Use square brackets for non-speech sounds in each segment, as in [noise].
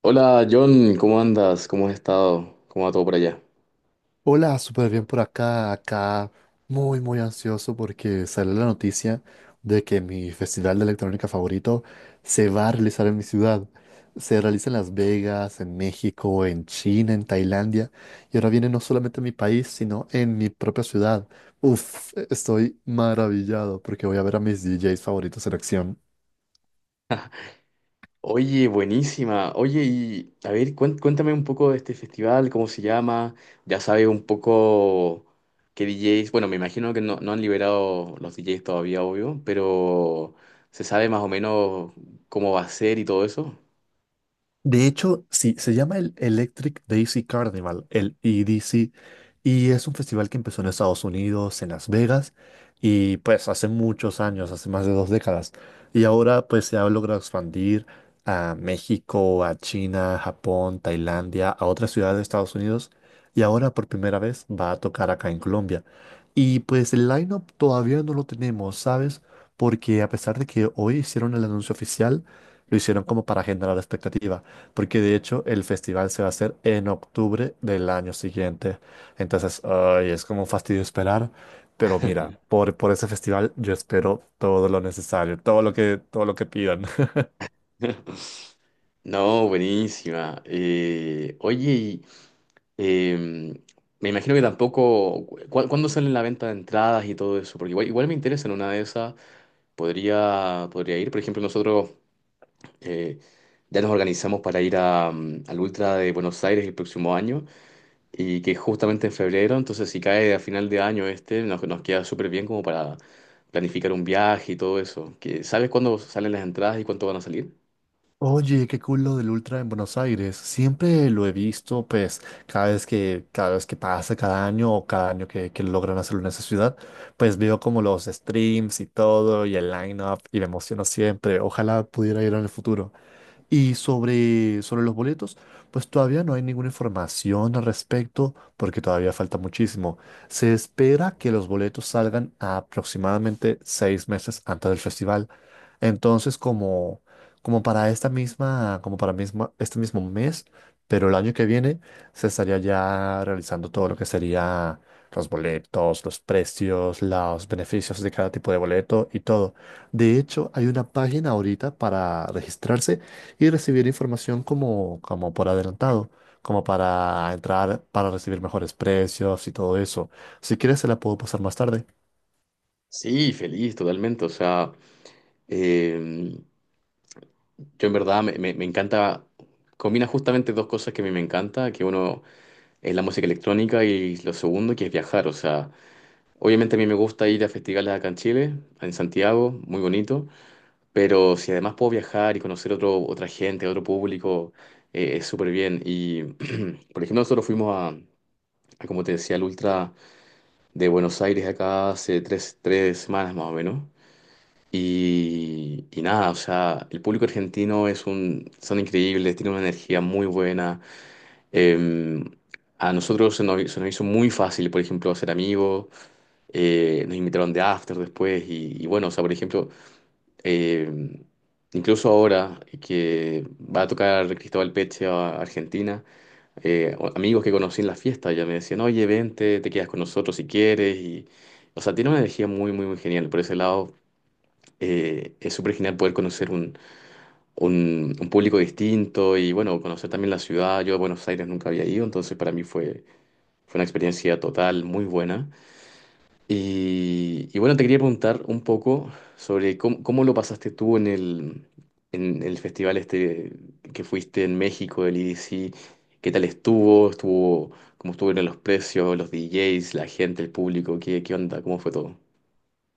Hola John, ¿cómo andas? ¿Cómo has estado? ¿Cómo va todo por allá? Hola, súper bien por acá muy muy ansioso porque salió la noticia de que mi festival de electrónica favorito se va a realizar en mi ciudad. Se realiza en Las Vegas, en México, en China, en Tailandia y ahora viene no solamente a mi país, sino en mi propia ciudad. Uf, estoy maravillado porque voy a ver a mis DJs favoritos en acción. Oye, buenísima. Oye, y a ver, cuéntame un poco de este festival, cómo se llama. Ya sabes un poco qué DJs. Bueno, me imagino que no han liberado los DJs todavía, obvio, pero ¿se sabe más o menos cómo va a ser y todo eso? De hecho, sí, se llama el Electric Daisy Carnival, el EDC, y es un festival que empezó en Estados Unidos, en Las Vegas, y pues hace muchos años, hace más de 2 décadas, y ahora pues se ha logrado expandir a México, a China, Japón, Tailandia, a otras ciudades de Estados Unidos, y ahora por primera vez va a tocar acá en Colombia. Y pues el lineup todavía no lo tenemos, ¿sabes? Porque a pesar de que hoy hicieron el anuncio oficial, lo hicieron como para generar expectativa. Porque de hecho el festival se va a hacer en octubre del año siguiente. Entonces, ay, es como un fastidio esperar. Pero mira, por ese festival yo espero todo lo necesario, todo lo que pidan. [laughs] [laughs] No, buenísima. Eh, Me imagino que tampoco. ¿Cuándo sale la venta de entradas y todo eso? Porque igual me interesa en una de esas. Podría ir. Por ejemplo, nosotros eh, ya nos organizamos para ir a, al Ultra de Buenos Aires el próximo año y que es justamente en febrero. Entonces, si cae a final de año este, nos queda súper bien como para planificar un viaje y todo eso. Que, ¿sabes cuándo salen las entradas y cuánto van a salir? Oye, qué cool lo del Ultra en Buenos Aires. Siempre lo he visto, pues, cada vez que pasa, cada año o cada año que logran hacerlo en esa ciudad, pues veo como los streams y todo y el line-up y me emociono siempre. Ojalá pudiera ir en el futuro. Y sobre los boletos, pues todavía no hay ninguna información al respecto porque todavía falta muchísimo. Se espera que los boletos salgan aproximadamente 6 meses antes del festival. Entonces, como, como para esta misma, como para misma, este mismo mes, pero el año que viene, se estaría ya realizando todo lo que sería los boletos, los precios, los beneficios de cada tipo de boleto y todo. De hecho, hay una página ahorita para registrarse y recibir información como por adelantado, como para entrar, para recibir mejores precios y todo eso. Si quieres, se la puedo pasar más tarde. Sí, feliz, totalmente. O sea, em, yo en verdad me encanta, combina justamente dos cosas que a mí me encanta, que uno es la música electrónica y lo segundo que es viajar, o sea, obviamente a mí me gusta ir a festivales acá en Chile, en Santiago, muy bonito, pero si además puedo viajar y conocer otro, otra gente, otro público, es súper bien. Y, [clears throat] por ejemplo, nosotros fuimos, como te decía, al Ultra de Buenos Aires acá hace tres semanas más o menos. Y nada, o sea, el público argentino es un, son increíbles, tienen una energía muy buena. Eh, a nosotros se nos hizo muy fácil, por ejemplo, hacer amigos. Nos invitaron de after después y bueno, o sea, por ejemplo, eh, incluso ahora que va a tocar Cristóbal Peche a Argentina, amigos que conocí en la fiesta ya me decían, oye, vente, te quedas con nosotros si quieres. Y, o sea, tiene una energía muy, muy, muy genial por ese lado, es súper genial poder conocer un público distinto y bueno, conocer también la ciudad. Yo a Buenos Aires nunca había ido, entonces para mí fue, fue una experiencia total, muy buena. Y bueno, te quería preguntar un poco sobre cómo, cómo lo pasaste tú en el festival este que fuiste en México, del EDC. ¿Qué tal estuvo? ¿Estuvo, cómo estuvieron los precios, los DJs, la gente, el público? ¿Qué, qué onda? ¿Cómo fue todo?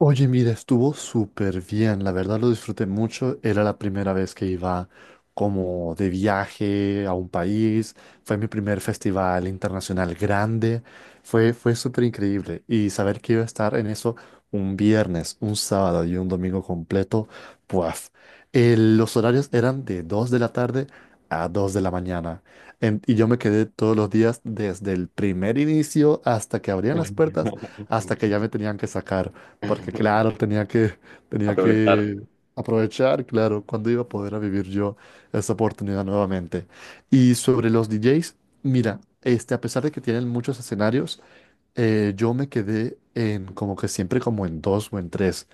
Oye, mira, estuvo súper bien, la verdad lo disfruté mucho, era la primera vez que iba como de viaje a un país, fue mi primer festival internacional grande, fue súper increíble y saber que iba a estar en eso un viernes, un sábado y un domingo completo, pues los horarios eran de 2 de la tarde a 2 de la mañana. Y yo me quedé todos los días desde el primer inicio hasta que abrían las puertas, hasta [laughs] que ya me tenían que sacar. Porque claro, tenía Aprovechar. que aprovechar, claro, cuando iba a poder a vivir yo esa oportunidad nuevamente. Y sobre los DJs, mira, este, a pesar de que tienen muchos escenarios, yo me quedé en como que siempre como en dos o en tres,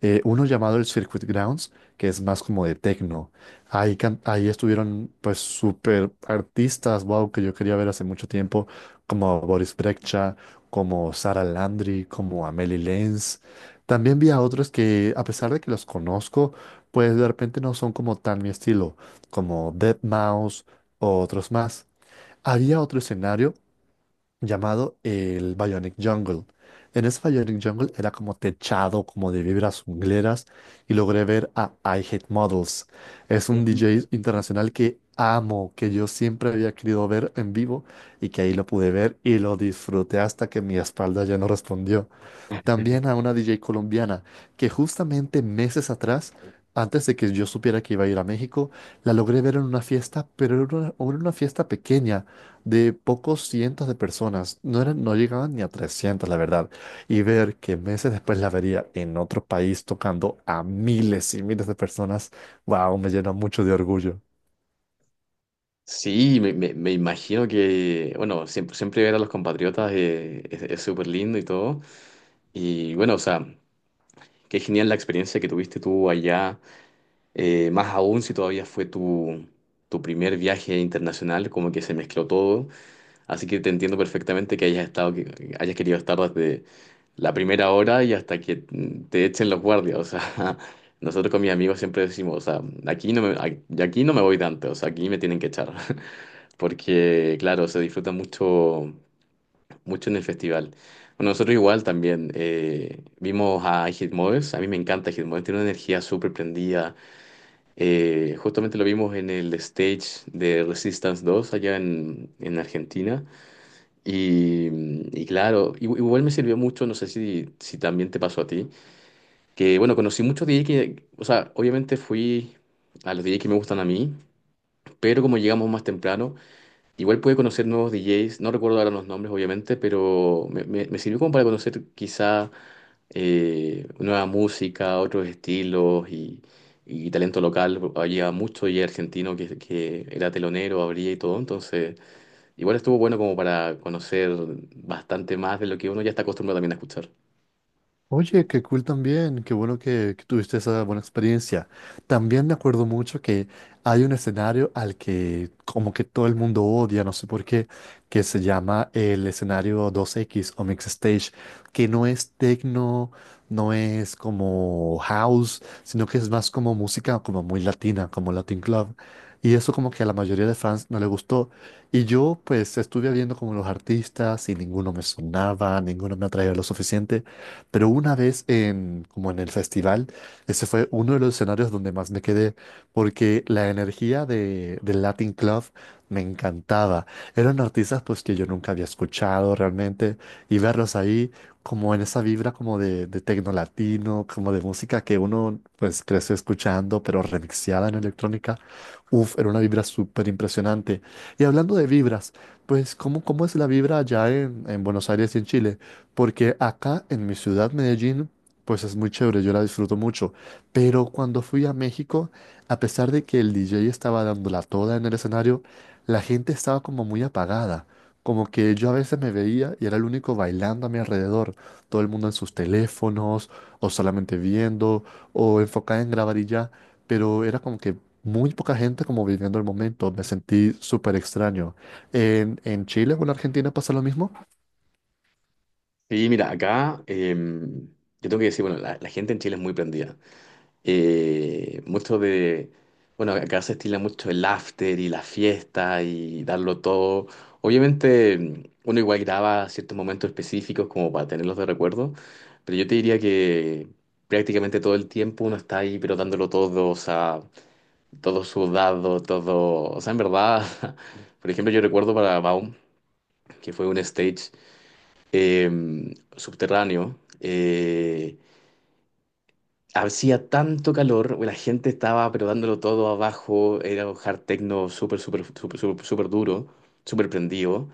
uno llamado el Circuit Grounds, que es más como de techno. Ahí, ahí estuvieron pues súper artistas, wow, que yo quería ver hace mucho tiempo, como Boris Brejcha, como Sara Landry, como Amelie Lenz. También vi a otros que, a pesar de que los conozco, pues de repente no son como tan mi estilo, como deadmau5 o otros más. Había otro escenario llamado el Bionic Jungle. En ese Bionic Jungle era como techado, como de vibras jungleras, y logré ver a I Hate Models. Es un DJ internacional que amo, que yo siempre había querido ver en vivo y que ahí lo pude ver y lo disfruté hasta que mi espalda ya no respondió. También a una DJ colombiana que justamente meses atrás, antes de que yo supiera que iba a ir a México, la logré ver en una fiesta, pero era una fiesta pequeña de pocos cientos de personas. No eran, no llegaban ni a 300, la verdad. Y ver que meses después la vería en otro país tocando a miles y miles de personas, wow, me llena mucho de orgullo. Sí, me imagino que, bueno, siempre, siempre ver a los compatriotas, es súper lindo y todo. Y bueno, o sea, qué genial la experiencia que tuviste tú allá, más aún si todavía fue tu, tu primer viaje internacional, como que se mezcló todo. Así que te entiendo perfectamente que hayas estado, que hayas querido estar desde la primera hora y hasta que te echen los guardias. O sea, [laughs] nosotros con mis amigos siempre decimos, o sea, aquí no me voy tanto, o sea, aquí me tienen que echar porque claro, se disfruta mucho, mucho en el festival. Bueno, nosotros igual también vimos a Hit, a mí me encanta Hit, tiene una energía súper prendida. Justamente lo vimos en el stage de Resistance 2 allá en Argentina. Y, y claro, igual me sirvió mucho, no sé si también te pasó a ti, que bueno, conocí muchos DJ que, o sea, obviamente fui a los DJ que me gustan a mí, pero como llegamos más temprano, igual pude conocer nuevos DJs, no recuerdo ahora los nombres obviamente, pero me sirvió como para conocer quizá, nueva música, otros estilos y talento local. Había mucho DJ argentino que era telonero, abría y todo, entonces igual estuvo bueno como para conocer bastante más de lo que uno ya está acostumbrado también a escuchar. Oye, qué cool también, qué bueno que tuviste esa buena experiencia. También me acuerdo mucho que hay un escenario al que como que todo el mundo odia, no sé por qué, que se llama el escenario 2X o Mix Stage, que no es techno, no es como house, sino que es más como música como muy latina, como Latin Club. Y eso como que a la mayoría de fans no le gustó. Y yo pues estuve viendo como los artistas y ninguno me sonaba, ninguno me atraía lo suficiente. Pero como en el festival, ese fue uno de los escenarios donde más me quedé, porque la energía del Latin Club me encantaba. Eran artistas pues que yo nunca había escuchado realmente y verlos ahí como en esa vibra como de tecno latino, como de música que uno pues creció escuchando, pero remixeada en electrónica. Uf, era una vibra súper impresionante. Y hablando de vibras, pues cómo es la vibra allá en Buenos Aires y en Chile? Porque acá en mi ciudad, Medellín, pues es muy chévere, yo la disfruto mucho. Pero cuando fui a México, a pesar de que el DJ estaba dándola toda en el escenario, la gente estaba como muy apagada. Como que yo a veces me veía y era el único bailando a mi alrededor. Todo el mundo en sus teléfonos, o solamente viendo, o enfocada en grabar y ya. Pero era como que muy poca gente como viviendo el momento. Me sentí súper extraño. En Chile o en Argentina pasa lo mismo? Y mira, acá yo tengo que decir, bueno, la gente en Chile es muy prendida. eh, mucho de, bueno, acá se estila mucho el after y la fiesta y darlo todo. Obviamente uno igual graba ciertos momentos específicos como para tenerlos de recuerdo, pero yo te diría que prácticamente todo el tiempo uno está ahí, pero dándolo todo, o sea, todo sudado, todo, o sea, en verdad, [laughs] por ejemplo, yo recuerdo para Baum, que fue un stage subterráneo. Hacía tanto calor, la gente estaba pero dándolo todo abajo, era un hard techno súper, súper, súper, súper, súper duro, súper prendido.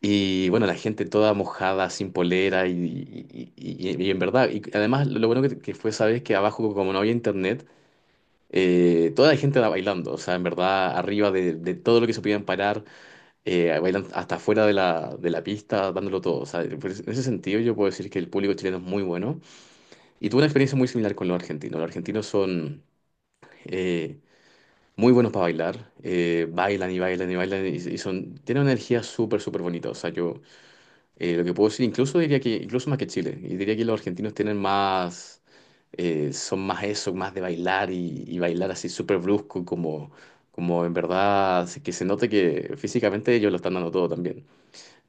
Y bueno, la gente toda mojada, sin polera y, y en verdad, y además lo bueno que fue, sabes, que abajo como no había internet, toda la gente era bailando, o sea, en verdad, arriba de todo lo que se podían parar, bailan hasta afuera de la pista, dándolo todo. O sea, en ese sentido yo puedo decir que el público chileno es muy bueno. Y tuve una experiencia muy similar con los argentinos. Los argentinos son eh, muy buenos para bailar. Bailan y bailan y bailan y son, tienen una energía súper, súper bonita. O sea, yo lo que puedo decir, incluso diría que, incluso más que Chile, y diría que los argentinos tienen más, son más eso, más de bailar y bailar así súper brusco, como, como en verdad, así que se note que físicamente ellos lo están dando todo también.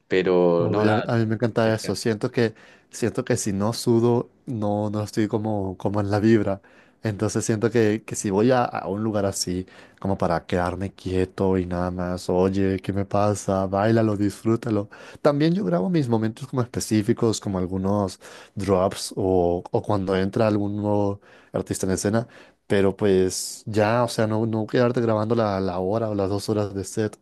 Pero no, Uy, nada, a mí me encanta eso. Siento que si no sudo, no estoy como, como en la vibra. Entonces siento que si voy a un lugar así, como para quedarme quieto y nada más, oye, ¿qué me pasa? Báilalo, disfrútalo. También yo grabo mis momentos como específicos, como algunos drops o cuando entra algún nuevo artista en escena. Pero pues ya, o sea, no quedarte grabando la hora o las 2 horas de set.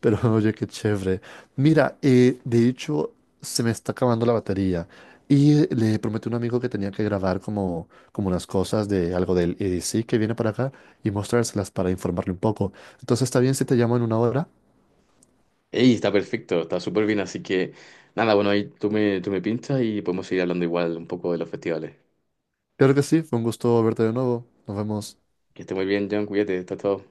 Pero [laughs] oye, qué chévere. Mira, de hecho, se me está acabando la batería y le prometí a un amigo que tenía que grabar como unas cosas de algo del EDC que viene para acá y mostrárselas para informarle un poco. Entonces, ¿está bien si te llamo en 1 hora? ey, está perfecto, está súper bien, así que nada, bueno, ahí tú me pinchas y podemos seguir hablando igual un poco de los festivales. Claro que sí, fue un gusto verte de nuevo. Nos vemos. Que esté muy bien, John, cuídate, está todo.